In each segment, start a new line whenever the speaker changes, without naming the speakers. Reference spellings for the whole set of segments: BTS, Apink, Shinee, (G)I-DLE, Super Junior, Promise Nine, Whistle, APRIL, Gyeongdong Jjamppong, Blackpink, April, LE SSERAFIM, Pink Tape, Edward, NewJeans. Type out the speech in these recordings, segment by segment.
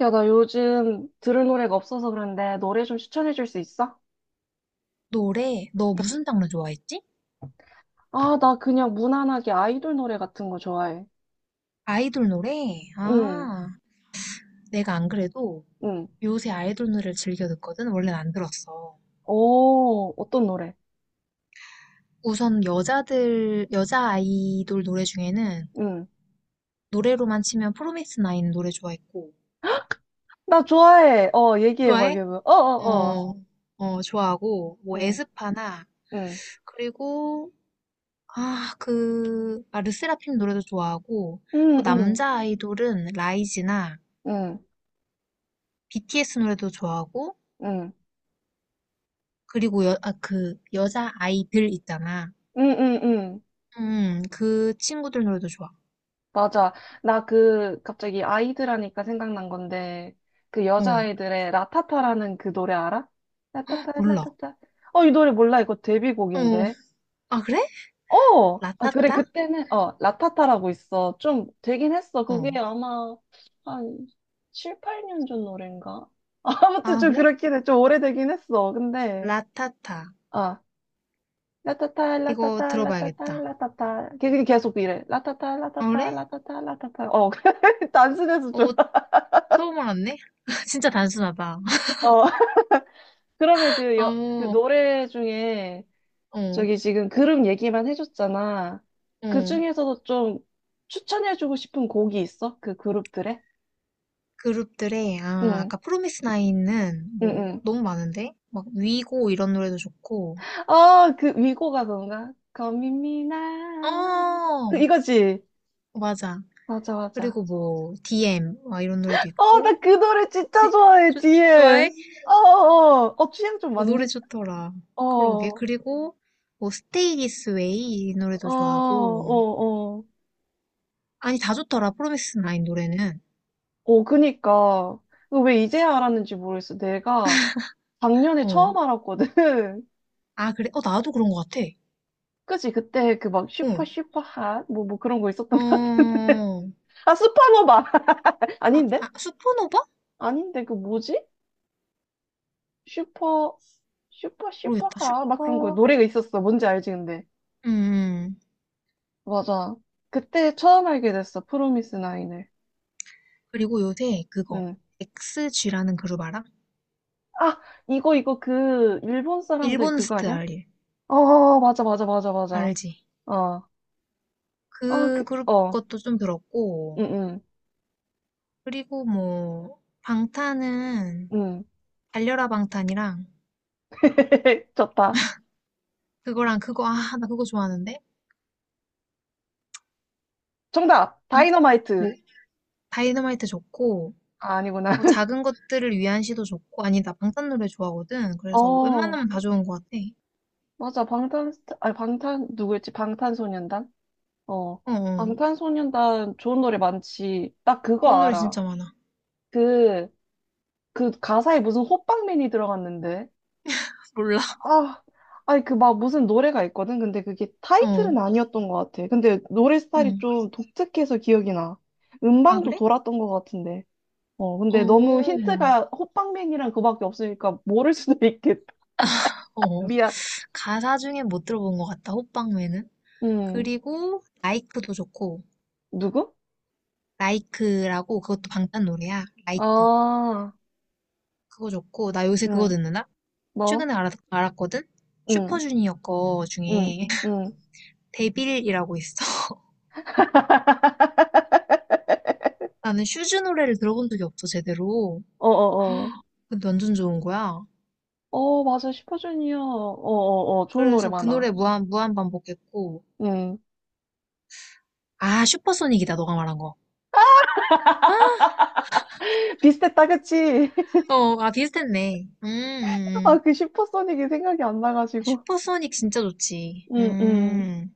야, 나 요즘 들을 노래가 없어서 그런데 노래 좀 추천해 줄 수 있어?
노래? 너 무슨 장르 좋아했지?
아, 나 그냥 무난하게 아이돌 노래 같은 거 좋아해.
아이돌 노래?
응,
아, 내가 안 그래도
응.
요새 아이돌 노래를 즐겨 듣거든? 원래는 안 들었어.
오, 어떤 노래?
우선 여자 아이돌 노래 중에는
응.
노래로만 치면 프로미스 나인 노래 좋아했고.
나 좋아해. 어, 얘기해 봐, 걔
좋아해?
뭐. 어, 어, 어.
어, 어, 좋아하고, 뭐,
응,
에스파나,
응.
그리고, 르세라핌 노래도 좋아하고, 또
응, 응,
남자 아이돌은 라이즈나
응,
BTS 노래도 좋아하고,
응,
그리고 그 여자 아이들 있잖아.
응, 응, 응.
그 친구들 노래도 좋아.
맞아. 나 그, 갑자기 아이들 하니까 생각난 건데, 그
어,
여자아이들의 라타타라는 그 노래 알아? 라타타,
몰라.
라타타. 어, 이 노래 몰라. 이거
어,
데뷔곡인데.
아, 그래?
어! 아, 그래,
라타타?
그때는, 어, 라타타라고 있어. 좀 되긴 했어.
어,
그게 아마 한 7, 8년 전 노래인가? 아무튼
아,
좀
그래?
그렇긴 해. 좀 오래되긴 했어. 근데,
라타타.
아, 라타타,
이거
라타타, 라타타,
들어봐야겠다.
라타타. 걔 그게 계속 이래. 라타타,
아, 그래?
라타타, 라타타, 라타타. 어, 단순해서 좀.
어, 처음 알았네? 진짜 단순하다.
어, 그러면 그, 여, 그
어,
노래 중에
어,
저기 지금 그룹 얘기만 해줬잖아. 그
어.
중에서도 좀 추천해주고 싶은 곡이 있어? 그 그룹들의? 응,
아까 프로미스 나인은
응,
뭐,
응.
너무 많은데? 막, 위고 이런 노래도 좋고,
어, 그 위고가 뭔가 거미미나 그
어,
이거지.
맞아.
맞아, 맞아.
그리고 뭐, DM, 막 이런 노래도
어,
있고,
나 그 노래 진짜 좋아해,
좋-
DM.
좋아해?
어, 어, 어, 어, 취향 좀
어, 노래
맞는.
좋더라.
어,
그러게.
어,
그리고 뭐 스테이 디스 웨이 이
어,
노래도 좋아하고.
어.
아니 다 좋더라. 프로미스 나인 노래는.
어, 그니까. 이거 왜 이제야 알았는지 모르겠어. 내가 작년에
어.
처음 알았거든.
아 그래? 어 나도 그런 것 같아.
그치, 그때 그 막 슈퍼
어.
슈퍼 핫, 뭐 그런 거 있었던
어.
것 같은데. 아, 슈퍼노바.
아,
아닌데?
아 슈퍼노바?
아닌데, 그 뭐지? 슈퍼, 슈퍼,
모르겠다.
슈퍼하. 막 그런 거
슈퍼.
노래가 있었어. 뭔지 알지, 근데.
음. 음.
맞아. 그때 처음 알게 됐어. 프로미스 나인을.
그리고 요새 그거
응.
XG라는 그룹 알아?
아, 이거 그, 일본 사람들
일본
그거 아니야?
스타일
어, 맞아, 맞아, 맞아, 맞아.
알지?
어. 아,
그
그,
그룹
어.
것도 좀 들었고.
응, 응,
그리고 뭐 방탄은
응.
달려라 방탄이랑
좋다.
그거랑 그거, 아, 나 그거 좋아하는데?
정답!
방탄,
다이너마이트.
다이너마이트 좋고,
아, 아니구나.
뭐 작은 것들을 위한 시도 좋고, 아니, 나 방탄 노래 좋아하거든. 그래서
어,
웬만하면 다 좋은 것 같아.
맞아. 방탄, 아, 방탄, 누구였지? 방탄소년단? 어.
어, 어.
방탄소년단 좋은 노래 많지. 나 그거
좋은 노래
알아.
진짜 많아.
그, 그 가사에 무슨 호빵맨이 들어갔는데.
몰라.
아, 아니 그 막 무슨 노래가 있거든. 근데 그게
어,
타이틀은 아니었던 것 같아. 근데 노래 스타일이
응.
좀 독특해서 기억이 나.
아,
음방도
그래?
돌았던 것 같은데. 어,
어,
근데 너무
어.
힌트가 호빵맨이랑 그밖에 없으니까 모를 수도 있겠다.
어.
미안.
가사 중에 못 들어본 것 같다, 호빵맨은.
음,
그리고, 라이크도 좋고,
누구?
라이크라고, 그것도 방탄 노래야. 라이크.
아,
그거 좋고, 나 요새 그거
응,
듣는다?
뭐?
최근에 알았거든?
응,
슈퍼주니어 거
응,
중에.
응.
데빌이라고 있어. 나는 슈즈 노래를 들어본 적이 없어, 제대로.
어, 어, 어.
근데 완전 좋은 거야.
어, 맞아. 슈퍼주니어. 어, 어, 어. 좋은 노래
그래서 그
많아.
노래 무한 반복했고.
응.
아, 슈퍼소닉이다, 너가 말한 거.
비슷했다, 그치?
어, 아, 비슷했네.
아, 그 슈퍼소닉이 생각이 안
아,
나가지고.
슈퍼소닉 진짜 좋지.
응, 응,
음.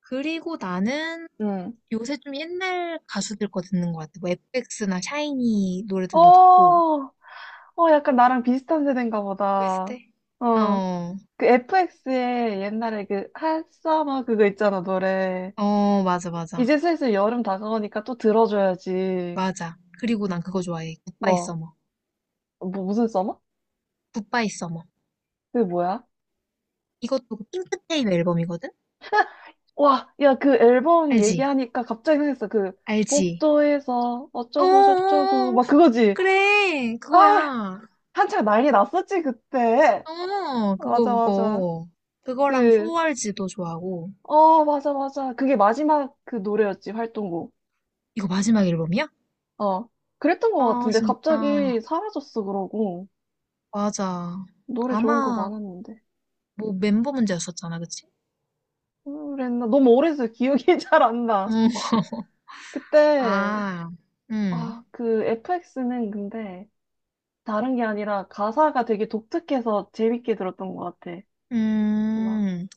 그리고 나는
응.
요새 좀 옛날 가수들 거 듣는 것 같아. 뭐, FX나 샤이니
어,
노래들도 듣고.
어, 약간 나랑 비슷한 세대인가 보다.
비슷해?
어,
어,
그 FX의 옛날에 그 핫서머 그거 있잖아, 노래.
어, 맞아, 맞아.
이제 슬슬 여름 다가오니까 또 들어줘야지.
맞아. 그리고 난 그거 좋아해. 굿바이
뭐,
서머.
뭐 무슨 서머?
굿바이 서머.
그게 뭐야?
이것도 그 핑크테일 앨범이거든?
와, 야, 그 앨범
알지?
얘기하니까 갑자기 생각했어. 그,
알지?
복도에서 어쩌고 저쩌고,
어어어.
막 그거지.
그래.
아,
그거야.
한창 난리 났었지, 그때.
어, 그거,
맞아, 맞아.
그거. 그거랑
그,
4RG도 좋아하고.
어, 맞아, 맞아. 그게 마지막 그 노래였지, 활동곡.
이거 마지막 앨범이야?
어. 그랬던 것
아,
같은데,
진짜.
갑자기 사라졌어, 그러고.
맞아.
노래 좋은 거
아마,
많았는데.
뭐, 멤버 문제였었잖아, 그치?
그랬나? 너무 오래돼서 기억이 잘 안
응.
나. 그때,
아, 음.
아, 그 FX는 근데 다른 게 아니라 가사가 되게 독특해서 재밌게 들었던 것 같아. 막,
음.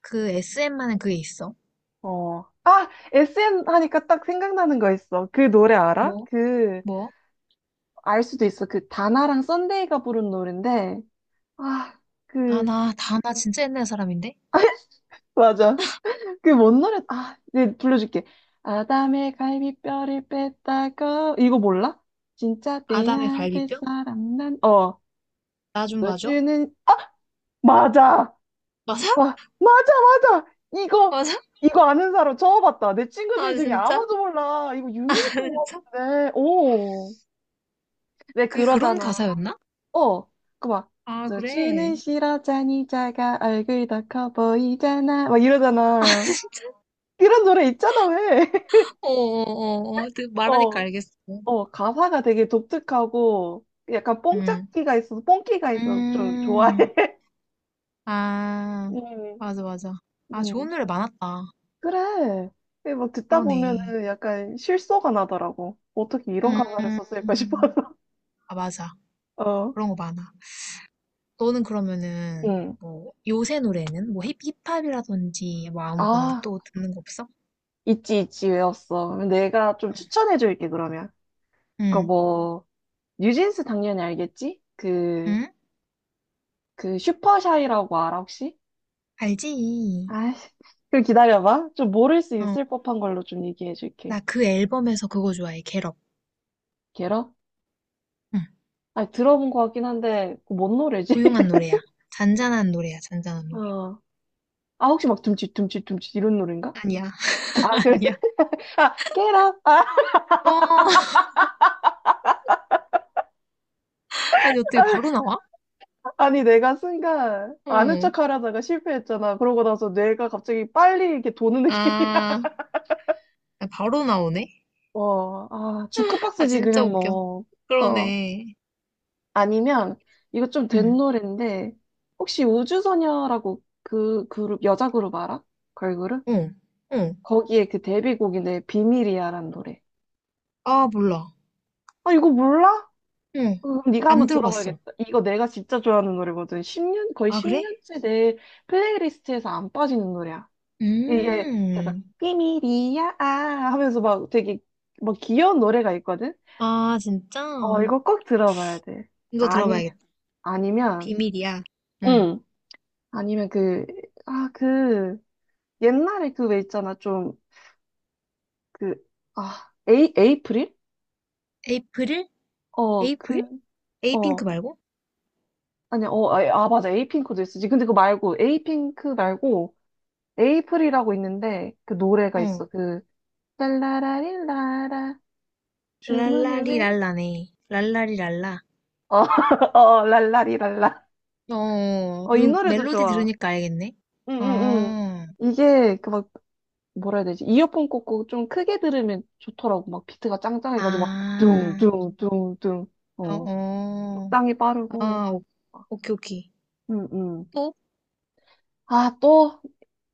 그 SM만은 그게 있어.
어. 아! SN 하니까 딱 생각나는 거 있어. 그 노래 알아?
뭐?
그,
뭐?
알 수도 있어. 그 다나랑 썬데이가 부른 노래인데, 아,
아,
그,
나, 다 나 진짜 옛날 사람인데?
맞아. 그게 뭔 노래? 아, 네, 불러줄게. 아담의 갈비뼈를 뺐다고. 이거 몰라? 진짜
아담의
빼야 될
갈비뼈?
사람 난. 어,
나 좀
너
봐줘.
주는. 맞아.
맞아?
와, 맞아, 맞아. 이거,
맞아?
이거 아는 사람 처음 봤다. 내
아,
친구들 중에
진짜?
아무도 몰라. 이거
아,
유명했던 것
진짜?
같은데. 오. 왜
그게 그런
그러잖아.
가사였나?
어, 그 막.
아,
너 주는
그래.
싫어하자니 자가 얼굴 더 커 보이잖아. 막 이러잖아. 이런 노래 있잖아, 왜?
어어어어. 말하니까
어,
알겠어.
어, 가사가 되게 독특하고, 약간
음.
뽕짝기가 있어서, 뽕기가 있어서 좀 좋아해.
음. 아,
음,
맞아, 맞아. 아, 좋은
음.
노래 많았다.
그래. 이게 막 듣다 보면은
그러네.
약간 실소가 나더라고. 어떻게 이런 가사를 썼을까 싶어서.
음. 아, 맞아.
어,
그런 거 많아. 너는 그러면은,
음.
뭐, 요새 노래는? 뭐, 힙, 힙합이라든지, 뭐, 아무거나
아,
또 듣는 거 없어?
있지, 있지, 외웠어. 내가 좀 추천해줄게, 그러면. 그니까
응.
뭐, 뉴진스 당연히 알겠지? 그,
응?
그 슈퍼샤이라고 알아, 혹시?
알지.
아이, 그럼 기다려봐. 좀 모를 수
어.
있을 법한 걸로 좀 얘기해줄게.
나 그 앨범에서 그거 좋아해, 겟업.
걔로? 아니, 들어본 것 같긴 한데, 그거 뭔 노래지?
조용한 노래야. 잔잔한 노래야, 잔잔한 노래.
어. 아, 혹시 막 둠칫, 둠칫, 둠칫 이런 노래인가?
아니야,
아, 그래?
아니야.
아, 깨라! 아,
어, 아니, 어떻게 바로 나와?
아니, 내가 순간 아는
어,
척 하려다가 실패했잖아. 그러고 나서 뇌가 갑자기 빨리 이렇게 도는 느낌이야.
아, 바로 나오네?
어, 아,
아,
주크박스지,
진짜
그냥
웃겨.
뭐. 어.
그러네.
아니면, 이거 좀 된
응,
노래인데, 혹시 우주소녀라고 그 그룹, 여자 그룹 알아? 걸그룹?
어, 어.
거기에 그 데뷔곡인데, 비밀이야라는 노래.
아, 몰라.
아, 이거 몰라?
응,
그럼 네가
안
한번
들어봤어.
들어봐야겠다. 이거 내가 진짜 좋아하는 노래거든. 십년 거의
아, 그래?
10년째 내 플레이리스트에서 안 빠지는 노래야. 이게 약간
음,
비밀이야 아 하면서 막 되게 막 귀여운 노래가 있거든.
아, 진짜?
어, 이거 꼭 들어봐야 돼.
이거
아니면
들어봐야겠다.
아니면
비밀이야. 응.
응. 아니면 그 아, 그 옛날에 그 왜 있잖아. 좀 그 아, 에이 에이프릴?
에이프릴?
어,
에이프릴?
그
에이핑크
어.
말고?
아니, 어, 아, 아, 맞아. 에이핑크도 있었지. 근데 그거 말고, 에이핑크 말고, 에이프릴이라고 있는데 그 노래가
어.
있어. 그 랄라라릴라라 주문을 왜?
랄라리랄라네. 랄라리랄라.
어, 어, 랄라리랄라.
어,
어, 이 노래도
멜로디
좋아.
들으니까 알겠네. 어,
응응응. 이게 그 막 뭐라 해야 되지? 이어폰 꽂고 좀 크게 들으면 좋더라고. 막 비트가 짱짱해가지고 막
아,
둥둥둥둥.
어,
어,
어,
적당히 빠르고.
아, 오, 오케이, 오케이.
응응.
또?
아, 또,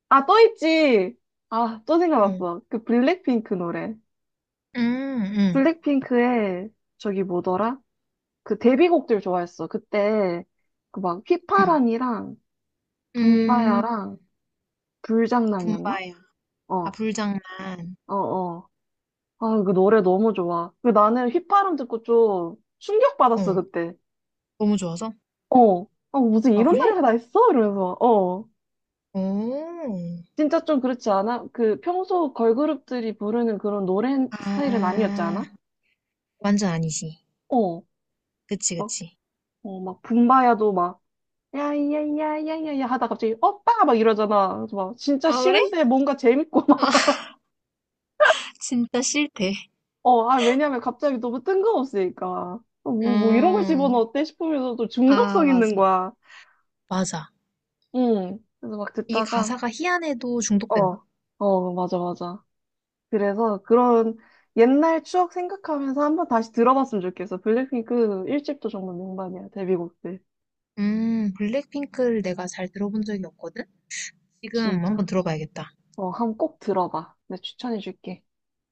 아, 또 있지. 아, 또
어,
생각났어. 그 블랙핑크 노래.
음, 음,
블랙핑크의 저기 뭐더라? 그 데뷔곡들 좋아했어. 그때 그 막
음,
휘파람이랑
음,
붐바야랑
아,
불장난이었나?
붐바야. 아,
어,
불장난.
어, 어. 아, 그 노래 너무 좋아. 그 나는 휘파람 듣고 좀 충격받았어,
어,
그때.
너무 좋아서?
어, 어, 무슨
아,
이런
그래?
노래가 다 있어? 이러면서. 어.
오,
진짜 좀 그렇지 않아? 그 평소 걸그룹들이 부르는 그런 노래 스타일은 아니었지
아,
않아?
완전 아니지.
어.
그치,
막,
그치.
어, 막 붐바야도 막 야야야야야야 하다 갑자기 오빠 막 이러잖아. 그래서 막 진짜
아, 그래?
싫은데 뭔가 재밌고
아, 진짜 싫대.
어, 아, 왜냐면 갑자기 너무 뜬금없으니까. 어, 뭐 이런 걸
음,
집어넣었대 싶으면서 또
아,
중독성 있는
맞아.
거야.
맞아.
응. 그래서 막
이게
듣다가,
가사가 희한해도 중독된다.
어, 어, 맞아, 맞아. 그래서 그런 옛날 추억 생각하면서 한번 다시 들어봤으면 좋겠어. 블랙핑크 1집도 정말 명반이야, 데뷔곡들.
블랙핑크를 내가 잘 들어본 적이 없거든? 지금
진짜.
한번 들어봐야겠다.
어, 한번 꼭 들어봐. 내가 추천해줄게.